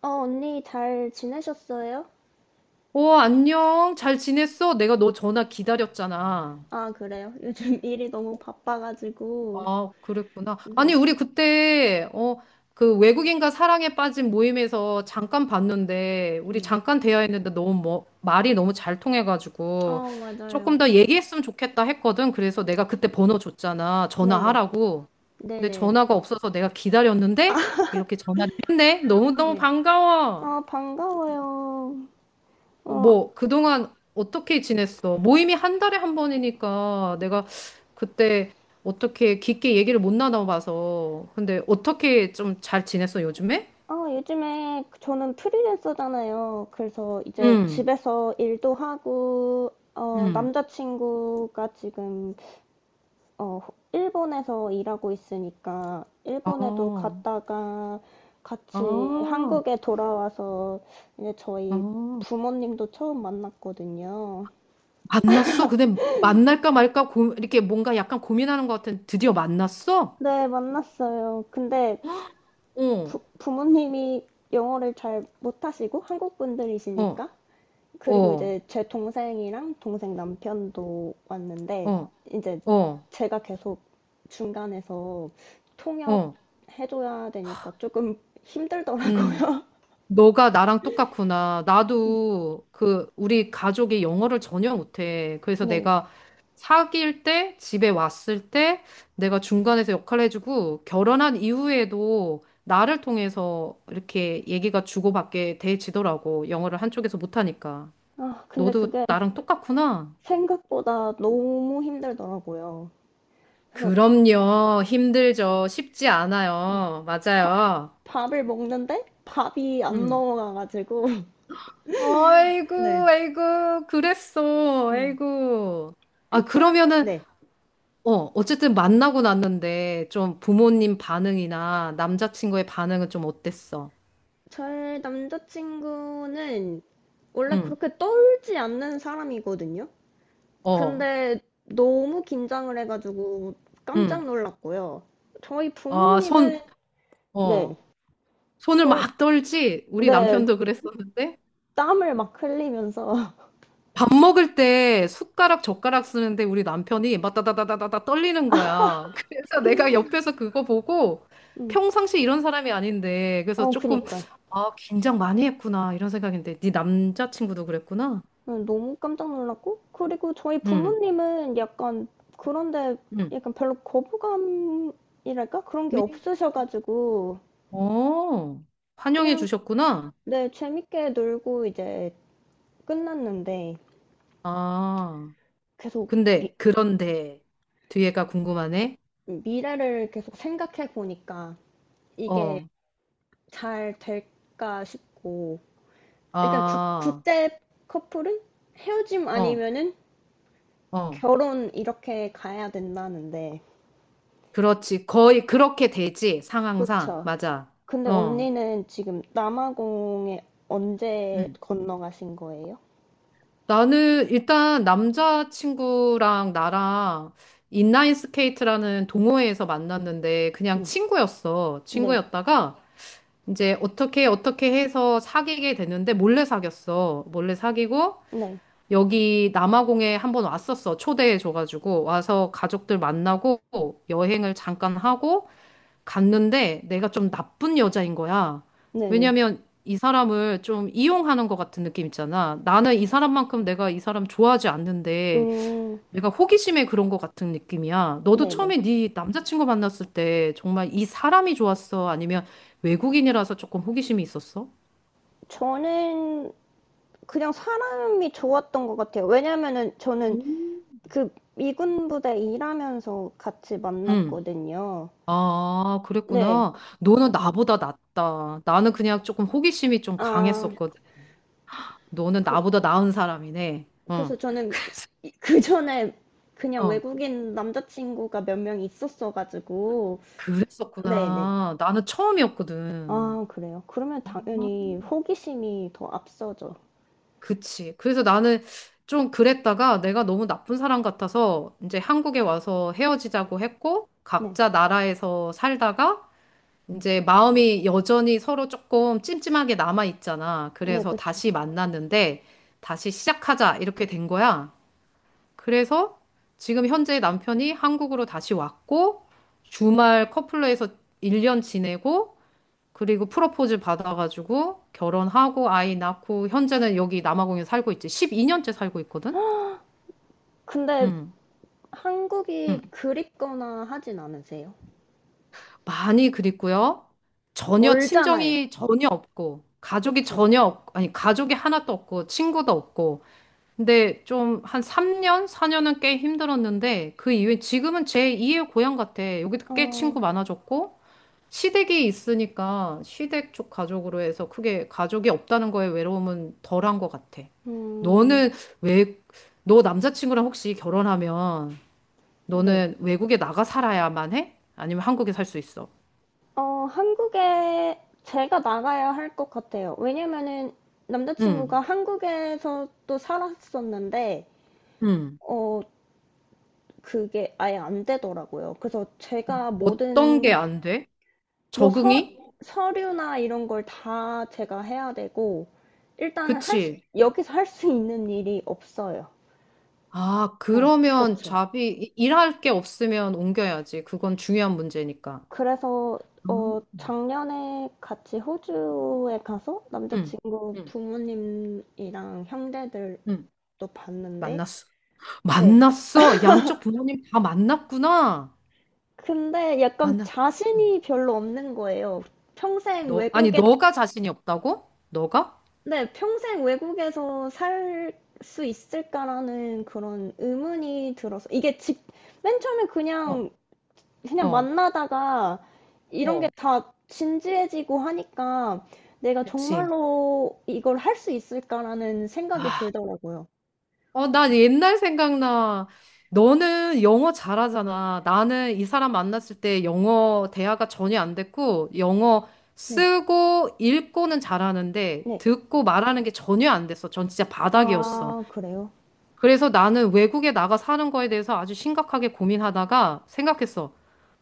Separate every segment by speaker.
Speaker 1: 어, 언니 잘 지내셨어요?
Speaker 2: 어, 안녕. 잘 지냈어? 내가 너 전화 기다렸잖아.
Speaker 1: 아, 그래요. 요즘 일이 너무 바빠가지고.
Speaker 2: 아, 그랬구나. 아니,
Speaker 1: 네,
Speaker 2: 우리 그때, 그 외국인과 사랑에 빠진 모임에서 잠깐 봤는데, 우리
Speaker 1: 네.
Speaker 2: 잠깐 대화했는데 너무 뭐, 말이 너무 잘 통해가지고,
Speaker 1: 어,
Speaker 2: 조금
Speaker 1: 맞아요.
Speaker 2: 더 얘기했으면 좋겠다 했거든. 그래서 내가 그때 번호 줬잖아.
Speaker 1: 네네.
Speaker 2: 전화하라고. 근데
Speaker 1: 네네.
Speaker 2: 전화가 없어서 내가 기다렸는데, 이렇게 전화를 했네. 너무너무
Speaker 1: 네.
Speaker 2: 반가워.
Speaker 1: 아, 반가워요.
Speaker 2: 어,
Speaker 1: 어,
Speaker 2: 뭐, 그동안 어떻게 지냈어? 모임이 한 달에 한 번이니까 내가 그때 어떻게 깊게 얘기를 못 나눠봐서. 근데 어떻게 좀 잘 지냈어, 요즘에?
Speaker 1: 아, 요즘에 저는 프리랜서잖아요. 그래서 이제
Speaker 2: 응,
Speaker 1: 집에서 일도 하고, 어,
Speaker 2: 응.
Speaker 1: 남자친구가 지금 어, 일본에서 일하고 있으니까 일본에도
Speaker 2: 아,
Speaker 1: 갔다가 같이
Speaker 2: 아,
Speaker 1: 한국에 돌아와서 이제 저희
Speaker 2: 아.
Speaker 1: 부모님도 처음 만났거든요.
Speaker 2: 만났어? 근데 만날까 말까 고, 이렇게 뭔가 약간 고민하는 것 같은 드디어 만났어?
Speaker 1: 네, 만났어요. 근데
Speaker 2: 어,
Speaker 1: 부모님이 영어를 잘 못하시고 한국
Speaker 2: 어,
Speaker 1: 분들이시니까 그리고
Speaker 2: 어,
Speaker 1: 이제 제 동생이랑 동생 남편도 왔는데
Speaker 2: 어,
Speaker 1: 이제
Speaker 2: 어,
Speaker 1: 제가 계속 중간에서 통역
Speaker 2: 어,
Speaker 1: 해줘야 되니까 조금
Speaker 2: 음.
Speaker 1: 힘들더라고요.
Speaker 2: 너가 나랑 똑같구나. 나도 그 우리 가족이 영어를 전혀 못해. 그래서
Speaker 1: 네.
Speaker 2: 내가 사귈 때, 집에 왔을 때 내가 중간에서 역할을 해주고 결혼한 이후에도 나를 통해서 이렇게 얘기가 주고받게 돼지더라고. 영어를 한쪽에서 못하니까.
Speaker 1: 아, 근데
Speaker 2: 너도
Speaker 1: 그게
Speaker 2: 나랑 똑같구나.
Speaker 1: 생각보다 너무 힘들더라고요. 그래서
Speaker 2: 그럼요. 힘들죠. 쉽지
Speaker 1: 음,
Speaker 2: 않아요.
Speaker 1: 밥,
Speaker 2: 맞아요.
Speaker 1: 밥을 먹는데 밥이 안
Speaker 2: 음.
Speaker 1: 넘어가가지고.
Speaker 2: 아이고,
Speaker 1: 네.
Speaker 2: 아이고, 그랬어.
Speaker 1: 음.
Speaker 2: 아이고. 아,
Speaker 1: 일단,
Speaker 2: 그러면은,
Speaker 1: 네.
Speaker 2: 어, 어쨌든 만나고 났는데, 좀 부모님 반응이나 남자친구의 반응은 좀 어땠어?
Speaker 1: 저의 남자친구는 원래
Speaker 2: 응,
Speaker 1: 그렇게 떨지 않는 사람이거든요.
Speaker 2: 어,
Speaker 1: 근데 너무 긴장을 해가지고
Speaker 2: 응.
Speaker 1: 깜짝 놀랐고요. 저희
Speaker 2: 아,
Speaker 1: 부모님은,
Speaker 2: 어,
Speaker 1: 네.
Speaker 2: 손을
Speaker 1: 저희,
Speaker 2: 막 떨지? 우리
Speaker 1: 네.
Speaker 2: 남편도 그랬었는데?
Speaker 1: 땀을 막 흘리면서.
Speaker 2: 밥 먹을 때 숟가락, 젓가락 쓰는데 우리 남편이 막 따다다다다다 떨리는 거야. 그래서 내가 옆에서 그거 보고
Speaker 1: 음.
Speaker 2: 평상시 이런 사람이 아닌데 그래서
Speaker 1: 어,
Speaker 2: 조금
Speaker 1: 그니까요.
Speaker 2: 아, 긴장 많이 했구나 이런 생각인데 네 남자친구도 그랬구나.
Speaker 1: 응, 너무 깜짝 놀랐고, 그리고 저희
Speaker 2: 응,
Speaker 1: 부모님은 약간 그런데
Speaker 2: 응.
Speaker 1: 약간 별로 거부감이랄까? 그런 게
Speaker 2: 미?
Speaker 1: 없으셔가지고,
Speaker 2: 어, 환영해
Speaker 1: 그냥,
Speaker 2: 주셨구나.
Speaker 1: 네, 재밌게 놀고 이제 끝났는데,
Speaker 2: 아,
Speaker 1: 계속 미,
Speaker 2: 근데 그런데 뒤에가 궁금하네.
Speaker 1: 미래를 계속 생각해 보니까 이게
Speaker 2: 어,
Speaker 1: 잘 될까 싶고, 약간 국,
Speaker 2: 아,
Speaker 1: 국제 커플은 헤어짐
Speaker 2: 어,
Speaker 1: 아니면은
Speaker 2: 어.
Speaker 1: 결혼 이렇게 가야 된다는데,
Speaker 2: 그렇지. 거의 그렇게 되지, 상황상.
Speaker 1: 그쵸?
Speaker 2: 맞아.
Speaker 1: 근데
Speaker 2: 어.
Speaker 1: 언니는 지금 남아공에 언제
Speaker 2: 응.
Speaker 1: 건너가신 거예요?
Speaker 2: 나는 일단 남자친구랑 나랑 인라인 스케이트라는 동호회에서 만났는데 그냥
Speaker 1: 음,
Speaker 2: 친구였어.
Speaker 1: 네,
Speaker 2: 친구였다가 이제 어떻게 어떻게 해서 사귀게 됐는데 몰래 사귀었어. 몰래 사귀고
Speaker 1: 네,
Speaker 2: 여기 남아공에 한번 왔었어. 초대해 줘가지고 와서 가족들 만나고 여행을 잠깐 하고 갔는데 내가 좀 나쁜 여자인 거야.
Speaker 1: 네네.
Speaker 2: 왜냐면 이 사람을 좀 이용하는 것 같은 느낌 있잖아. 나는 이 사람만큼 내가 이 사람 좋아하지 않는데
Speaker 1: 음,
Speaker 2: 내가 호기심에 그런 것 같은 느낌이야. 너도
Speaker 1: 네네.
Speaker 2: 처음에 네 남자친구 만났을 때 정말 이 사람이 좋았어? 아니면 외국인이라서 조금 호기심이 있었어?
Speaker 1: 저는 그냥 사람이 좋았던 것 같아요. 왜냐면은 저는
Speaker 2: 음.
Speaker 1: 그 미군 부대 일하면서 같이
Speaker 2: 응.
Speaker 1: 만났거든요.
Speaker 2: 아,
Speaker 1: 네.
Speaker 2: 그랬구나. 너는 나보다 낫다. 나는 그냥 조금 호기심이 좀
Speaker 1: 아,
Speaker 2: 강했었거든. 너는
Speaker 1: 그,
Speaker 2: 나보다 나은 사람이네.
Speaker 1: 그래서
Speaker 2: 응.
Speaker 1: 저는 그 전에 그냥
Speaker 2: 어.
Speaker 1: 외국인 남자친구가 몇 명 있었어가지고, 네네.
Speaker 2: 그랬었구나. 나는 처음이었거든.
Speaker 1: 아 그래요? 그러면
Speaker 2: 아,
Speaker 1: 당연히 호기심이 더 앞서죠.
Speaker 2: 그치. 그래서 나는 좀 그랬다가 내가 너무 나쁜 사람 같아서 이제 한국에 와서 헤어지자고 했고,
Speaker 1: 네.
Speaker 2: 각자 나라에서 살다가 이제 마음이 여전히 서로 조금 찜찜하게 남아있잖아.
Speaker 1: 네,
Speaker 2: 그래서
Speaker 1: 그쵸.
Speaker 2: 다시 만났는데, 다시 시작하자. 이렇게 된 거야. 그래서 지금 현재 남편이 한국으로 다시 왔고, 주말 커플로에서 1년 지내고, 그리고 프로포즈 받아가지고 결혼하고 아이 낳고 현재는 여기 남아공에 살고 있지. 12년째 살고 있거든.
Speaker 1: 근데
Speaker 2: 음,
Speaker 1: 한국이
Speaker 2: 음.
Speaker 1: 그립거나 하진 않으세요?
Speaker 2: 많이 그립고요. 전혀
Speaker 1: 멀잖아요.
Speaker 2: 친정이 전혀 없고 가족이
Speaker 1: 그쵸?
Speaker 2: 전혀 없, 아니 가족이 하나도 없고 친구도 없고. 근데 좀 한 3년, 4년은 꽤 힘들었는데 그 이후에 지금은 제 2의 고향 같아. 여기도 꽤 친구
Speaker 1: 어,
Speaker 2: 많아졌고 시댁이 있으니까 시댁 쪽 가족으로 해서 크게 가족이 없다는 거에 외로움은 덜한 것 같아.
Speaker 1: 음,
Speaker 2: 너는 왜, 너 남자친구랑 혹시 결혼하면
Speaker 1: 네.
Speaker 2: 너는 외국에 나가 살아야만 해? 아니면 한국에 살 수 있어?
Speaker 1: 어, 한국에 제가 나가야 할 것 같아요. 왜냐면은 남자친구가
Speaker 2: 응,
Speaker 1: 한국에서 또 살았었는데,
Speaker 2: 응.
Speaker 1: 어, 그게 아예 안 되더라고요. 그래서 제가
Speaker 2: 어떤 게
Speaker 1: 모든
Speaker 2: 안 돼?
Speaker 1: 뭐 서,
Speaker 2: 적응이?
Speaker 1: 서류나 이런 걸 다 제가 해야 되고 일단 할 수,
Speaker 2: 그치.
Speaker 1: 여기서 할 수 있는 일이 없어요.
Speaker 2: 아,
Speaker 1: 응,
Speaker 2: 그러면
Speaker 1: 그쵸.
Speaker 2: 잡이, 이- 일할 게 없으면 옮겨야지. 그건 중요한 문제니까.
Speaker 1: 그래서
Speaker 2: 음.
Speaker 1: 어, 작년에 같이 호주에 가서
Speaker 2: 응,
Speaker 1: 남자친구
Speaker 2: 응,
Speaker 1: 부모님이랑 형제들도
Speaker 2: 응.
Speaker 1: 봤는데
Speaker 2: 만났어.
Speaker 1: 네.
Speaker 2: 만났어? 양쪽 부모님 다 만났구나.
Speaker 1: 근데 약간
Speaker 2: 만났. 음.
Speaker 1: 자신이 별로 없는 거예요. 평생
Speaker 2: 너 아니
Speaker 1: 외국에
Speaker 2: 너가 자신이 없다고? 너가?
Speaker 1: 네, 평생 외국에서 살 수 있을까라는 그런 의문이 들어서 이게 직, 맨 처음에
Speaker 2: 어,
Speaker 1: 그냥 그냥
Speaker 2: 어,
Speaker 1: 만나다가 이런
Speaker 2: 어,
Speaker 1: 게 다 진지해지고 하니까 내가
Speaker 2: 그치.
Speaker 1: 정말로 이걸 할 수 있을까라는 생각이
Speaker 2: 아,
Speaker 1: 들더라고요.
Speaker 2: 어, 난 옛날 생각나. 너는 영어 잘하잖아. 나는 이 사람 만났을 때 영어 대화가 전혀 안 됐고 영어
Speaker 1: 네,
Speaker 2: 쓰고 읽고는 잘하는데
Speaker 1: 네.
Speaker 2: 듣고 말하는 게 전혀 안 됐어. 전 진짜 바닥이었어.
Speaker 1: 아, 그래요?
Speaker 2: 그래서 나는 외국에 나가 사는 거에 대해서 아주 심각하게 고민하다가 생각했어.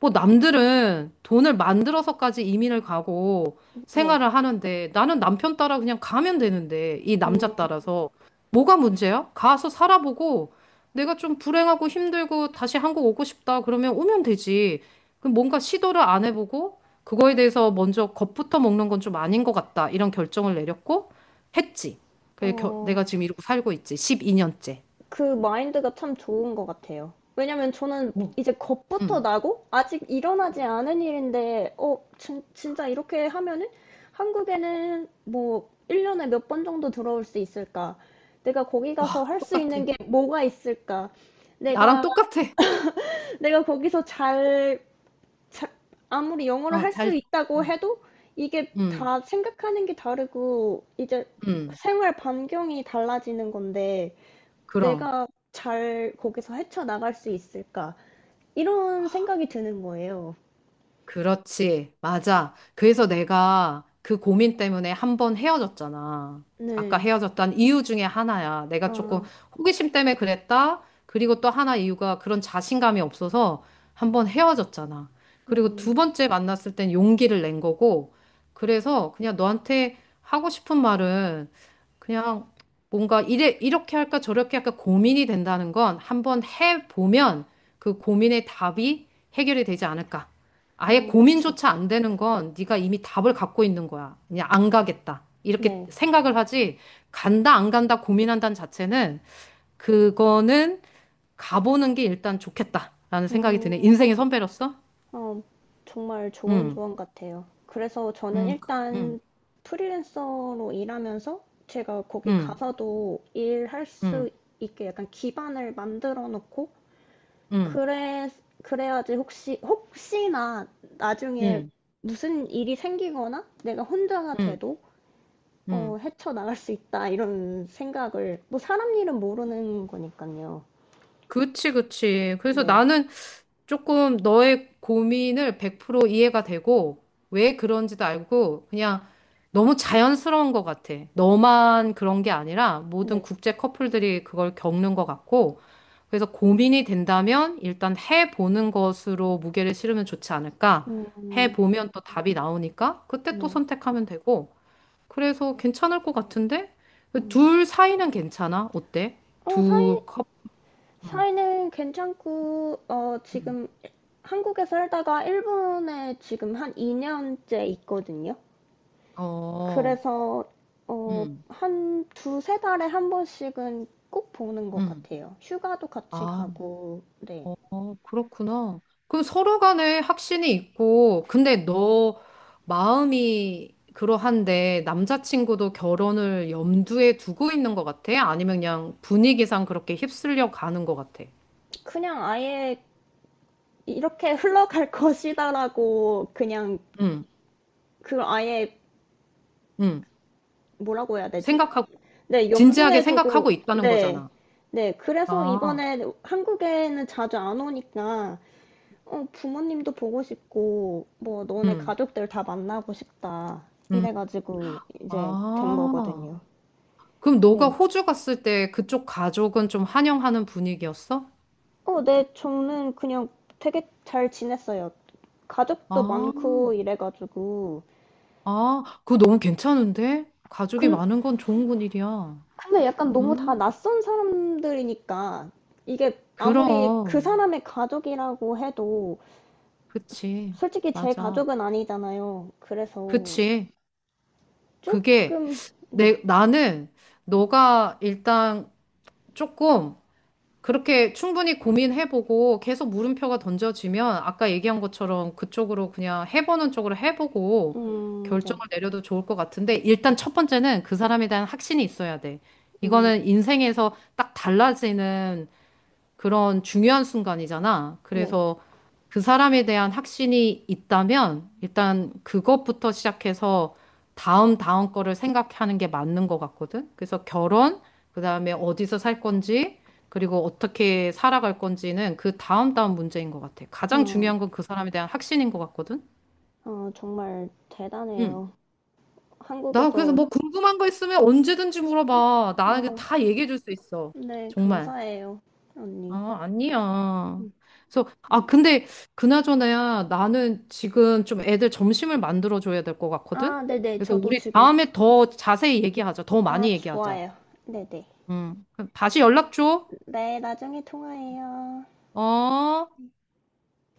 Speaker 2: 뭐 남들은 돈을 만들어서까지 이민을 가고
Speaker 1: 네.
Speaker 2: 생활을 하는데 나는 남편 따라 그냥 가면 되는데 이
Speaker 1: 음,
Speaker 2: 남자 따라서 뭐가 문제야? 가서 살아보고 내가 좀 불행하고 힘들고 다시 한국 오고 싶다 그러면 오면 되지. 그럼 뭔가 시도를 안 해보고 그거에 대해서 먼저 겁부터 먹는 건 좀 아닌 것 같다 이런 결정을 내렸고 했지. 그래서
Speaker 1: 어,
Speaker 2: 내가 지금 이러고 살고 있지. 12년째.
Speaker 1: 그 마인드가 참 좋은 것 같아요. 왜냐면 저는
Speaker 2: 어,
Speaker 1: 이제 겁부터
Speaker 2: 응,
Speaker 1: 나고 아직 일어나지 않은 일인데 어 진짜 이렇게 하면은 한국에는 뭐 1년에 몇 번 정도 들어올 수 있을까? 내가 거기 가서 할 수
Speaker 2: 똑같아.
Speaker 1: 있는 게 뭐가 있을까?
Speaker 2: 나랑
Speaker 1: 내가
Speaker 2: 똑같아.
Speaker 1: 내가 거기서 잘, 잘 아무리 영어를
Speaker 2: 어,
Speaker 1: 할 수 있다고
Speaker 2: 응,
Speaker 1: 해도 이게
Speaker 2: 응,
Speaker 1: 다 생각하는 게 다르고 이제
Speaker 2: 응,
Speaker 1: 생활 반경이 달라지는 건데
Speaker 2: 그럼.
Speaker 1: 내가 잘 거기서 헤쳐나갈 수 있을까? 이런 생각이 드는 거예요.
Speaker 2: 그렇지. 맞아. 그래서 내가 그 고민 때문에 한번 헤어졌잖아. 아까
Speaker 1: 네.
Speaker 2: 헤어졌던 이유 중에 하나야. 내가 조금
Speaker 1: 아,
Speaker 2: 호기심 때문에 그랬다. 그리고 또 하나 이유가 그런 자신감이 없어서 한번 헤어졌잖아. 그리고 두
Speaker 1: 음,
Speaker 2: 번째 만났을 땐 용기를 낸 거고. 그래서 그냥 너한테 하고 싶은 말은 그냥 뭔가 이렇게 할까 저렇게 할까 고민이 된다는 건 한번 해보면 그 고민의 답이 해결이 되지 않을까. 아예
Speaker 1: 어, 그쵸.
Speaker 2: 고민조차 안 되는 건 네가 이미 답을 갖고 있는 거야. 그냥 안 가겠다. 이렇게
Speaker 1: 네.
Speaker 2: 생각을 하지 간다 안 간다 고민한다는 자체는 그거는 가보는 게 일단 좋겠다라는 생각이 드네.
Speaker 1: 음,
Speaker 2: 인생의 선배로서.
Speaker 1: 어, 정말 좋은
Speaker 2: 응,
Speaker 1: 조언 같아요. 그래서 저는
Speaker 2: 응, 응,
Speaker 1: 일단 프리랜서로 일하면서 제가 거기
Speaker 2: 응,
Speaker 1: 가서도 일할
Speaker 2: 응,
Speaker 1: 수 있게 약간 기반을 만들어 놓고,
Speaker 2: 응,
Speaker 1: 그래, 그래야지 혹시나 나중에
Speaker 2: 응,
Speaker 1: 무슨 일이 생기거나 내가 혼자가
Speaker 2: 응,
Speaker 1: 돼도 어,
Speaker 2: 응.
Speaker 1: 헤쳐나갈 수 있다, 이런 생각을, 뭐, 사람 일은 모르는 거니까요.
Speaker 2: 그치, 그치. 그래서
Speaker 1: 네,
Speaker 2: 나는 조금 너의 고민을 100% 이해가 되고, 왜 그런지도 알고, 그냥 너무 자연스러운 것 같아. 너만 그런 게 아니라 모든
Speaker 1: 네,
Speaker 2: 국제 커플들이 그걸 겪는 것 같고, 그래서 고민이 된다면 일단 해보는 것으로 무게를 실으면 좋지 않을까?
Speaker 1: 음,
Speaker 2: 해보면 또 답이 나오니까 그때 또
Speaker 1: 네.
Speaker 2: 선택하면 되고, 그래서 괜찮을 것 같은데?
Speaker 1: 음.
Speaker 2: 둘 사이는 괜찮아? 어때?
Speaker 1: 어, 사이, 사이는 괜찮고, 어, 지금 한국에 살다가 일본에 지금 한 2년째 있거든요.
Speaker 2: 어,
Speaker 1: 그래서, 어,
Speaker 2: 음,
Speaker 1: 한 두세 달에 한 번씩은 꼭 보는 것
Speaker 2: 음.
Speaker 1: 같아요. 휴가도 같이
Speaker 2: 아.
Speaker 1: 가고, 네.
Speaker 2: 어, 그렇구나. 그럼 서로 간에 확신이 있고, 근데 너 마음이 그러한데 남자친구도 결혼을 염두에 두고 있는 것 같아? 아니면 그냥 분위기상 그렇게 휩쓸려 가는 것 같아?
Speaker 1: 그냥 아예 이렇게 흘러갈 것이다라고 그냥
Speaker 2: 응,
Speaker 1: 그걸 아예
Speaker 2: 응.
Speaker 1: 뭐라고 해야 되지?
Speaker 2: 생각하고,
Speaker 1: 네,
Speaker 2: 진지하게
Speaker 1: 염두에 두고,
Speaker 2: 생각하고 있다는
Speaker 1: 네,
Speaker 2: 거잖아.
Speaker 1: 네. 그래서
Speaker 2: 아,
Speaker 1: 이번에 한국에는 자주 안 오니까, 어, 부모님도 보고 싶고, 뭐, 너네
Speaker 2: 응,
Speaker 1: 가족들 다 만나고 싶다.
Speaker 2: 응.
Speaker 1: 이래가지고 이제 된
Speaker 2: 아,
Speaker 1: 거거든요.
Speaker 2: 그럼 너가
Speaker 1: 네.
Speaker 2: 호주 갔을 때 그쪽 가족은 좀 환영하는 분위기였어?
Speaker 1: 어, 네, 저는 그냥 되게 잘 지냈어요. 가족도
Speaker 2: 아.
Speaker 1: 많고 이래가지고.
Speaker 2: 아, 그거 너무 괜찮은데? 가족이
Speaker 1: 근,
Speaker 2: 많은 건 좋은 건 일이야.
Speaker 1: 근데 약간 너무 다
Speaker 2: 음,
Speaker 1: 낯선 사람들이니까 이게 아무리 그
Speaker 2: 그럼.
Speaker 1: 사람의 가족이라고 해도
Speaker 2: 그치.
Speaker 1: 솔직히 제
Speaker 2: 맞아.
Speaker 1: 가족은 아니잖아요. 그래서
Speaker 2: 그치. 그게
Speaker 1: 조금 네,
Speaker 2: 나는 너가 일단 조금 그렇게 충분히 고민해보고 계속 물음표가 던져지면 아까 얘기한 것처럼 그쪽으로 그냥 해보는 쪽으로 해보고 결정을
Speaker 1: 네,
Speaker 2: 내려도 좋을 것 같은데 일단 첫 번째는 그 사람에 대한 확신이 있어야 돼.
Speaker 1: 음,
Speaker 2: 이거는 인생에서 딱 달라지는 그런 중요한 순간이잖아.
Speaker 1: 네,
Speaker 2: 그래서 그 사람에 대한 확신이 있다면 일단 그것부터 시작해서 다음 다음 거를 생각하는 게 맞는 것 같거든. 그래서 결혼, 그다음에 어디서 살 건지, 그리고 어떻게 살아갈 건지는 그 다음 다음 문제인 것 같아. 가장
Speaker 1: 어,
Speaker 2: 중요한 건 그 사람에 대한 확신인 것 같거든.
Speaker 1: 어, 정말
Speaker 2: 응.
Speaker 1: 대단해요.
Speaker 2: 나 그래서
Speaker 1: 한국에서
Speaker 2: 뭐 궁금한 거 있으면 언제든지 물어봐. 나는
Speaker 1: 어,
Speaker 2: 다 얘기해 줄 수 있어.
Speaker 1: 네,
Speaker 2: 정말.
Speaker 1: 감사해요, 언니.
Speaker 2: 아, 아니야. 그래서, 아, 근데, 그나저나야, 나는 지금 좀 애들 점심을 만들어줘야 될 것 같거든?
Speaker 1: 아, 네네,
Speaker 2: 그래서
Speaker 1: 저도
Speaker 2: 우리
Speaker 1: 지금
Speaker 2: 다음에 더 자세히 얘기하자. 더
Speaker 1: 아,
Speaker 2: 많이 얘기하자.
Speaker 1: 좋아요. 네네. 네,
Speaker 2: 응. 그럼 다시 연락 줘.
Speaker 1: 네, 나중에 통화해요.
Speaker 2: 어?